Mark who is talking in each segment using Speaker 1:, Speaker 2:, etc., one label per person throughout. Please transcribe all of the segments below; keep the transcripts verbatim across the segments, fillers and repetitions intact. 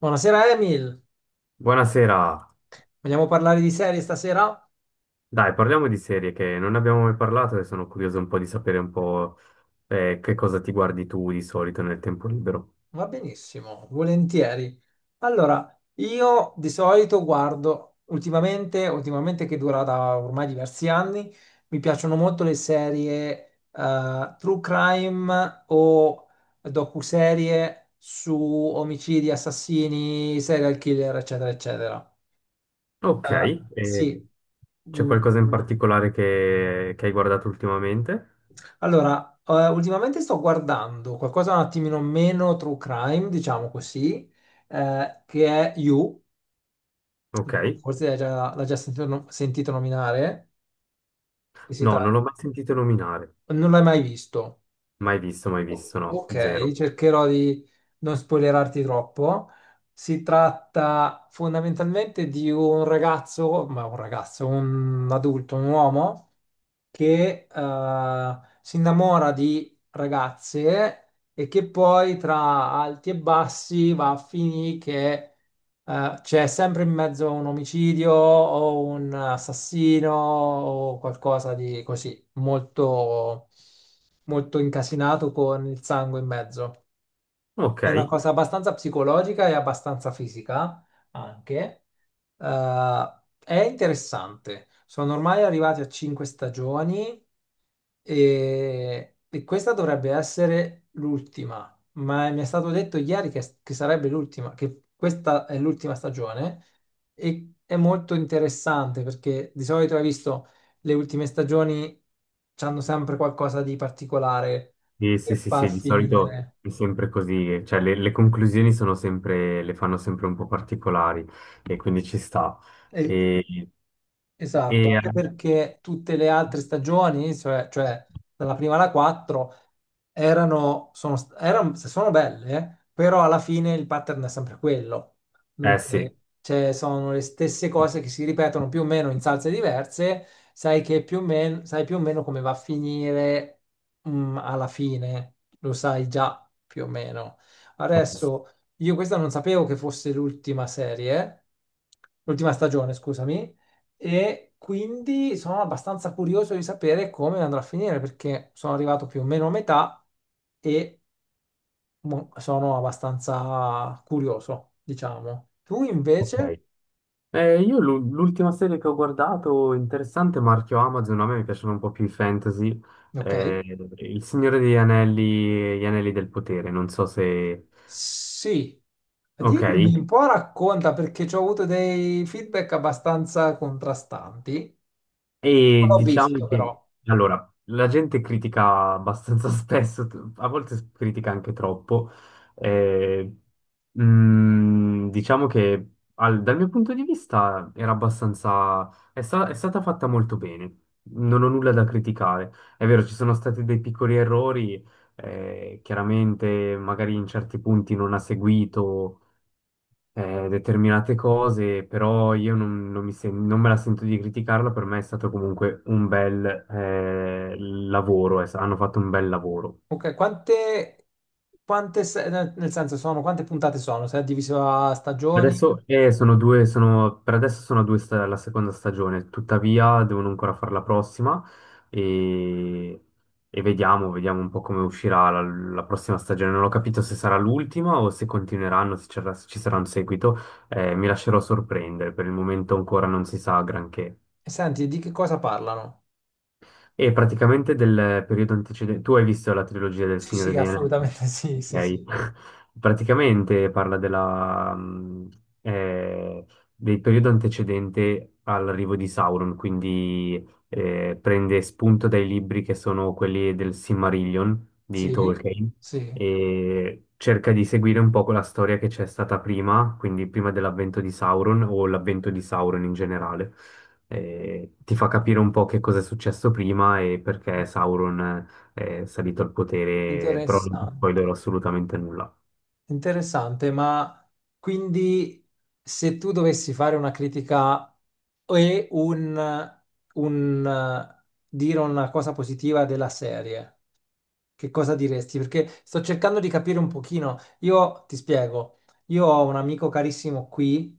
Speaker 1: Buonasera Emil,
Speaker 2: Buonasera.
Speaker 1: vogliamo parlare di serie stasera?
Speaker 2: Dai, parliamo di serie che non ne abbiamo mai parlato e sono curioso un po' di sapere un po' eh, che cosa ti guardi tu di solito nel tempo libero.
Speaker 1: Va benissimo, volentieri. Allora, io di solito guardo ultimamente, ultimamente che dura da ormai diversi anni, mi piacciono molto le serie eh, true crime o docuserie su omicidi, assassini, serial killer, eccetera, eccetera.
Speaker 2: Ok,
Speaker 1: Eh,
Speaker 2: e
Speaker 1: sì.
Speaker 2: c'è
Speaker 1: Mm.
Speaker 2: qualcosa in particolare che, che hai guardato ultimamente?
Speaker 1: Allora, eh, ultimamente sto guardando qualcosa un attimino meno true crime, diciamo così, eh, che è You,
Speaker 2: Ok,
Speaker 1: forse l'hai già, l'hai già sentito, no- sentito nominare, che si
Speaker 2: no, non l'ho
Speaker 1: tratta.
Speaker 2: mai sentito nominare,
Speaker 1: Non l'hai mai visto.
Speaker 2: mai visto, mai visto, no,
Speaker 1: Ok,
Speaker 2: zero.
Speaker 1: cercherò di non spoilerarti troppo. Si tratta fondamentalmente di un ragazzo, ma un ragazzo, un adulto, un uomo. Che eh, si innamora di ragazze e che poi tra alti e bassi va a finire che eh, c'è sempre in mezzo un omicidio o un assassino o qualcosa di così molto, molto incasinato con il sangue in mezzo.
Speaker 2: Ok,
Speaker 1: È una cosa abbastanza psicologica e abbastanza fisica anche. Eh, è interessante. Sono ormai arrivati a cinque stagioni e, e questa dovrebbe essere l'ultima, ma mi è stato detto ieri che, che sarebbe l'ultima, che questa è l'ultima stagione e è molto interessante perché di solito hai visto le ultime stagioni hanno sempre qualcosa di particolare
Speaker 2: sì, sì,
Speaker 1: per
Speaker 2: sì,
Speaker 1: far
Speaker 2: sì, di solito
Speaker 1: finire.
Speaker 2: è sempre così, cioè le, le conclusioni sono sempre, le fanno sempre un po' particolari e quindi ci sta.
Speaker 1: E
Speaker 2: E... E,
Speaker 1: esatto,
Speaker 2: eh,
Speaker 1: anche perché tutte le altre stagioni, cioè, cioè dalla prima alla quattro, erano, sono, st- erano, se sono belle, però alla fine il pattern è sempre quello.
Speaker 2: Eh sì, eh
Speaker 1: Dunque, cioè, sono le stesse cose che si ripetono più o meno in salse diverse, sai che più o meno, sai più o meno come va a finire, mm, alla fine, lo sai già più o meno.
Speaker 2: sì,
Speaker 1: Adesso, io questa non sapevo che fosse l'ultima serie, l'ultima stagione, scusami, e quindi sono abbastanza curioso di sapere come andrà a finire perché sono arrivato più o meno a metà e mo- sono abbastanza curioso, diciamo. Tu invece?
Speaker 2: ok. Eh, io l'u- l'ultima serie che ho guardato, interessante, marchio Amazon, a me mi piacciono un po' più i fantasy,
Speaker 1: Ok,
Speaker 2: eh, Il Signore degli Anelli, e Gli Anelli del Potere, non so se...
Speaker 1: sì.
Speaker 2: Ok,
Speaker 1: Dimmi un po', racconta perché ci ho avuto dei feedback abbastanza contrastanti. Non
Speaker 2: e
Speaker 1: l'ho
Speaker 2: diciamo
Speaker 1: visto
Speaker 2: che,
Speaker 1: però.
Speaker 2: allora, la gente critica abbastanza spesso, t- a volte s- critica anche troppo. eh, mm, diciamo che al- dal mio punto di vista era abbastanza, è, sta- è stata fatta molto bene, non ho nulla da criticare. È vero, ci sono stati dei piccoli errori, eh, chiaramente magari in certi punti non ha seguito eh, determinate cose, però io non, non mi sen- non me la sento di criticarlo. Per me è stato comunque un bel eh, lavoro, es- hanno fatto un bel lavoro.
Speaker 1: Ok, quante, quante se- nel nel senso sono, quante puntate sono? Se è diviso a stagioni?
Speaker 2: Adesso eh, sono due, sono, per adesso sono due sta- la seconda stagione, tuttavia devono ancora fare la prossima e, e vediamo, vediamo un po' come uscirà la, la prossima stagione. Non ho capito se sarà l'ultima o se continueranno, se c'era- se ci sarà un seguito. Eh, mi lascerò sorprendere, per il momento ancora non si sa granché.
Speaker 1: E senti, di che cosa parlano?
Speaker 2: E praticamente del periodo antecedente, tu hai visto la trilogia del
Speaker 1: Sì,
Speaker 2: Signore
Speaker 1: sì,
Speaker 2: degli Anelli?
Speaker 1: assolutamente sì, sì, sì,
Speaker 2: Ok. Praticamente parla della, mh, eh, del periodo antecedente all'arrivo di Sauron, quindi eh, prende spunto dai libri che sono quelli del Silmarillion di
Speaker 1: sì,
Speaker 2: Tolkien
Speaker 1: sì,
Speaker 2: e cerca di seguire un po' quella storia che c'è stata prima, quindi prima dell'avvento di Sauron o l'avvento di Sauron in generale. Eh, ti fa capire un po' che cosa è successo prima e perché Sauron eh, è salito al potere, però non ti
Speaker 1: interessante,
Speaker 2: spoilerò assolutamente nulla.
Speaker 1: interessante, ma quindi se tu dovessi fare una critica e un, un, eh, dire una cosa positiva della serie, che cosa diresti? Perché sto cercando di capire un pochino, io ti spiego, io ho un amico carissimo qui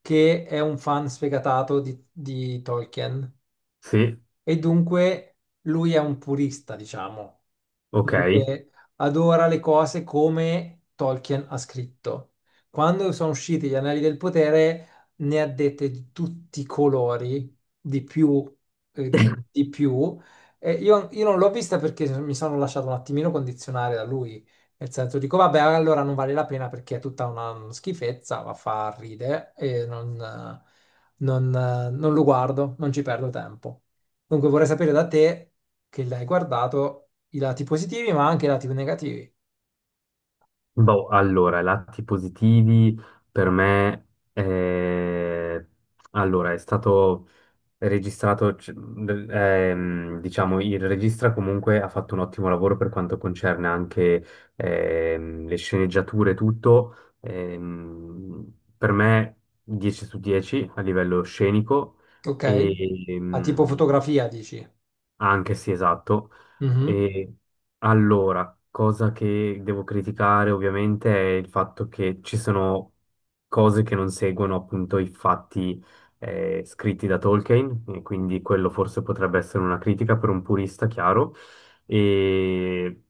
Speaker 1: che è un fan sfegatato di di Tolkien
Speaker 2: Sì,
Speaker 1: e dunque lui è un purista, diciamo.
Speaker 2: ok.
Speaker 1: Dunque, adora le cose come Tolkien ha scritto. Quando sono usciti gli Anelli del Potere, ne ha dette di tutti i colori, di più, eh, di più. E io, io non l'ho vista perché mi sono lasciato un attimino condizionare da lui. Nel senso, dico, vabbè, allora non vale la pena perché è tutta una schifezza, va a far ridere e non, eh, non, eh, non lo guardo, non ci perdo tempo. Dunque, vorrei sapere da te che l'hai guardato i lati positivi, ma anche i lati negativi.
Speaker 2: Boh, allora, lati positivi per me, eh, allora, è stato registrato, c- d- ehm, diciamo, il regista comunque ha fatto un ottimo lavoro per quanto concerne anche ehm, le sceneggiature e tutto. Ehm, per me dieci su dieci a livello scenico.
Speaker 1: Ok? A tipo
Speaker 2: Mm. E,
Speaker 1: fotografia, dici?
Speaker 2: anche sì, esatto.
Speaker 1: Mhm.
Speaker 2: E allora, cosa che devo criticare ovviamente è il fatto che ci sono cose che non seguono appunto i fatti eh, scritti da Tolkien, e quindi quello forse potrebbe essere una critica per un purista, chiaro. E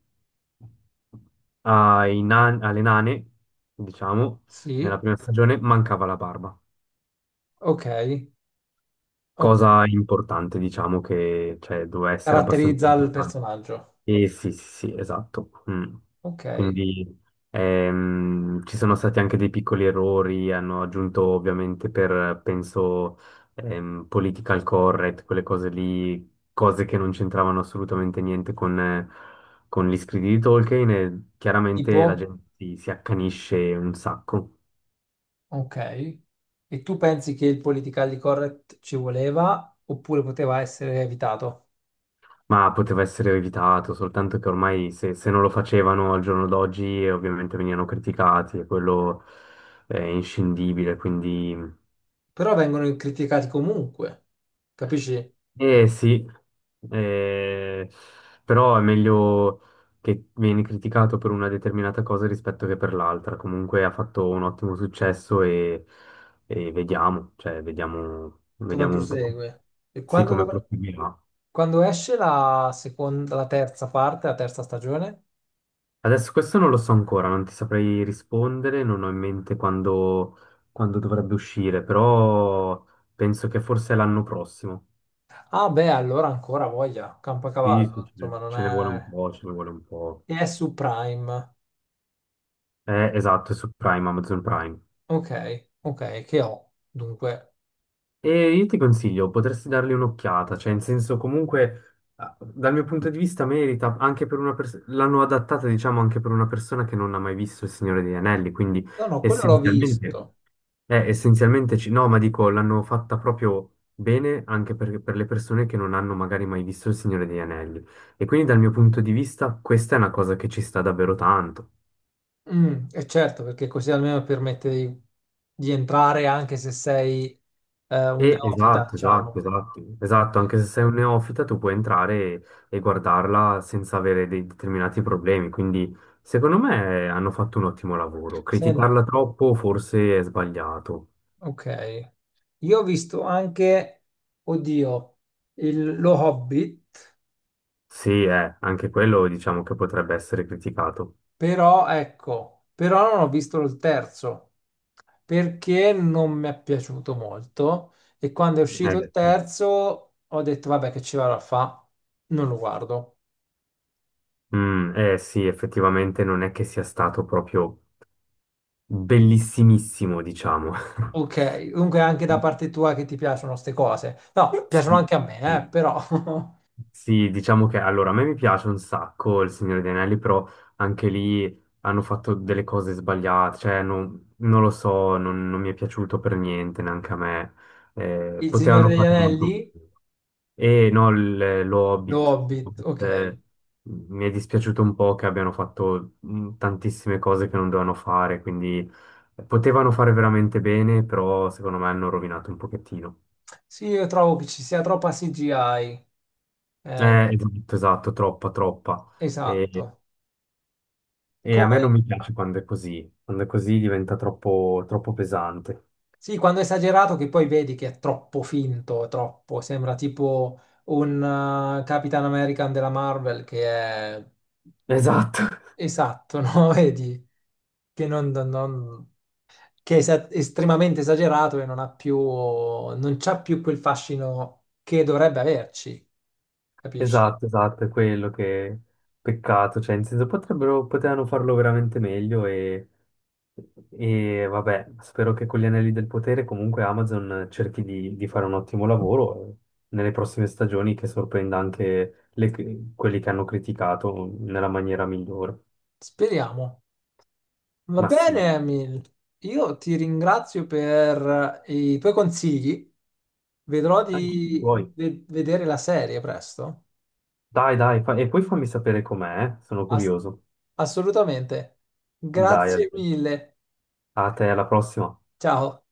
Speaker 2: ai nan- alle nane, diciamo, nella
Speaker 1: Sì,
Speaker 2: prima stagione mancava la barba,
Speaker 1: ok. Ok.
Speaker 2: cosa importante, diciamo, che cioè, doveva essere abbastanza
Speaker 1: Caratterizza il
Speaker 2: importante.
Speaker 1: personaggio.
Speaker 2: Sì, sì, sì, sì, esatto. Mm.
Speaker 1: Ok.
Speaker 2: Quindi ehm, ci sono stati anche dei piccoli errori, hanno aggiunto ovviamente per, penso, ehm, political correct, quelle cose lì, cose che non c'entravano assolutamente niente con, eh, con gli scritti di Tolkien e
Speaker 1: Tipo?
Speaker 2: chiaramente la gente si, si accanisce un sacco.
Speaker 1: Ok. E tu pensi che il politically correct ci voleva oppure poteva essere evitato?
Speaker 2: Ma poteva essere evitato, soltanto che ormai se, se non lo facevano al giorno d'oggi eh, ovviamente venivano criticati e quello è inscindibile, quindi...
Speaker 1: Però vengono criticati comunque. Capisci,
Speaker 2: Eh sì, eh, però è meglio che vieni criticato per una determinata cosa rispetto che per l'altra. Comunque ha fatto un ottimo successo e, e vediamo, cioè vediamo,
Speaker 1: come
Speaker 2: vediamo un po',
Speaker 1: prosegue? E
Speaker 2: sì,
Speaker 1: quando,
Speaker 2: come
Speaker 1: dovr-
Speaker 2: proseguirà.
Speaker 1: quando esce la seconda, la terza parte, la terza stagione?
Speaker 2: Adesso questo non lo so ancora, non ti saprei rispondere, non ho in mente quando, quando dovrebbe uscire, però penso che forse l'anno prossimo.
Speaker 1: Ah beh, allora ancora voglia,
Speaker 2: Sì, sì,
Speaker 1: Campacavallo, insomma
Speaker 2: sì,
Speaker 1: non
Speaker 2: ce ne vuole un
Speaker 1: è...
Speaker 2: po', ce ne vuole un po'.
Speaker 1: E è su Prime.
Speaker 2: Eh, esatto, è su Prime, Amazon Prime.
Speaker 1: Ok, ok, che ho? Dunque,
Speaker 2: E io ti consiglio, potresti dargli un'occhiata, cioè in senso comunque, ah, dal mio punto di vista merita, anche per una persona, l'hanno adattata diciamo anche per una persona che non ha mai visto Il Signore degli Anelli, quindi
Speaker 1: no, no, quello l'ho
Speaker 2: essenzialmente...
Speaker 1: visto.
Speaker 2: Eh, essenzialmente ci- no, ma dico, l'hanno fatta proprio bene anche per, per le persone che non hanno magari mai visto Il Signore degli Anelli. E quindi dal mio punto di vista questa è una cosa che ci sta davvero tanto.
Speaker 1: Mm, e certo, perché così almeno permette di, di entrare anche se sei eh, un
Speaker 2: E
Speaker 1: neofita,
Speaker 2: esatto, esatto,
Speaker 1: diciamo.
Speaker 2: esatto, esatto,
Speaker 1: Ok.
Speaker 2: anche se sei un neofita tu puoi entrare e, e guardarla senza avere dei determinati problemi. Quindi secondo me hanno fatto un ottimo lavoro.
Speaker 1: Sen-
Speaker 2: Criticarla troppo forse è sbagliato.
Speaker 1: ok. Io ho visto anche, oddio, il- lo Hobbit.
Speaker 2: Sì, eh, anche quello diciamo che potrebbe essere criticato.
Speaker 1: Però ecco, però non ho visto il terzo perché non mi è piaciuto molto e quando è uscito il
Speaker 2: Eh,
Speaker 1: terzo ho detto vabbè che ci vado a fa, non lo guardo.
Speaker 2: Mm, eh sì, effettivamente non è che sia stato proprio bellissimissimo, diciamo.
Speaker 1: Ok, comunque anche da parte tua che ti piacciono queste cose. No, piacciono
Speaker 2: Sì,
Speaker 1: anche a me,
Speaker 2: sì.
Speaker 1: eh, però
Speaker 2: Sì, diciamo che allora a me mi piace un sacco Il Signore degli Anelli, però anche lì hanno fatto delle cose sbagliate, cioè non, non lo so, non, non mi è piaciuto per niente neanche a me. Eh,
Speaker 1: il Signore
Speaker 2: potevano
Speaker 1: degli
Speaker 2: fare molto.
Speaker 1: Anelli,
Speaker 2: E no, il- lo
Speaker 1: lo
Speaker 2: Hobbit.
Speaker 1: Hobbit, ok.
Speaker 2: Eh, mi è dispiaciuto un po' che abbiano fatto mh, tantissime cose che non dovevano fare, quindi eh, potevano fare veramente bene, però secondo me hanno rovinato un pochettino.
Speaker 1: Sì, io trovo che ci sia troppa C G I. Eh,
Speaker 2: Eh, esatto, esatto, troppa, troppa. E,
Speaker 1: esatto.
Speaker 2: e a
Speaker 1: Come
Speaker 2: me non mi piace quando è così, quando è così diventa troppo, troppo pesante.
Speaker 1: sì, quando è esagerato che poi vedi che è troppo finto, è troppo, sembra tipo un eh, Capitan American della Marvel che è è-
Speaker 2: Esatto,
Speaker 1: esatto, no? Vedi che, non- non- non- che è esa- estremamente esagerato e non ha più, non c'ha più quel fascino che dovrebbe averci, capisci?
Speaker 2: esatto, esatto, è quello che peccato, cioè in senso potrebbero, potevano farlo veramente meglio e... E vabbè, spero che con gli anelli del potere comunque Amazon cerchi di, di fare un ottimo lavoro eh, nelle prossime stagioni che sorprenda anche le- quelli che hanno criticato nella maniera migliore.
Speaker 1: Speriamo. Va
Speaker 2: Ma sì,
Speaker 1: bene, Emil. Io ti ringrazio per eh, i tuoi consigli. Vedrò
Speaker 2: anche tu
Speaker 1: di
Speaker 2: vuoi.
Speaker 1: ve- vedere la serie presto.
Speaker 2: Dai, dai, fa- e poi fammi sapere com'è, eh, sono
Speaker 1: Ass-
Speaker 2: curioso.
Speaker 1: assolutamente.
Speaker 2: Dai,
Speaker 1: Grazie
Speaker 2: Albert,
Speaker 1: mille.
Speaker 2: a te, alla prossima.
Speaker 1: Ciao.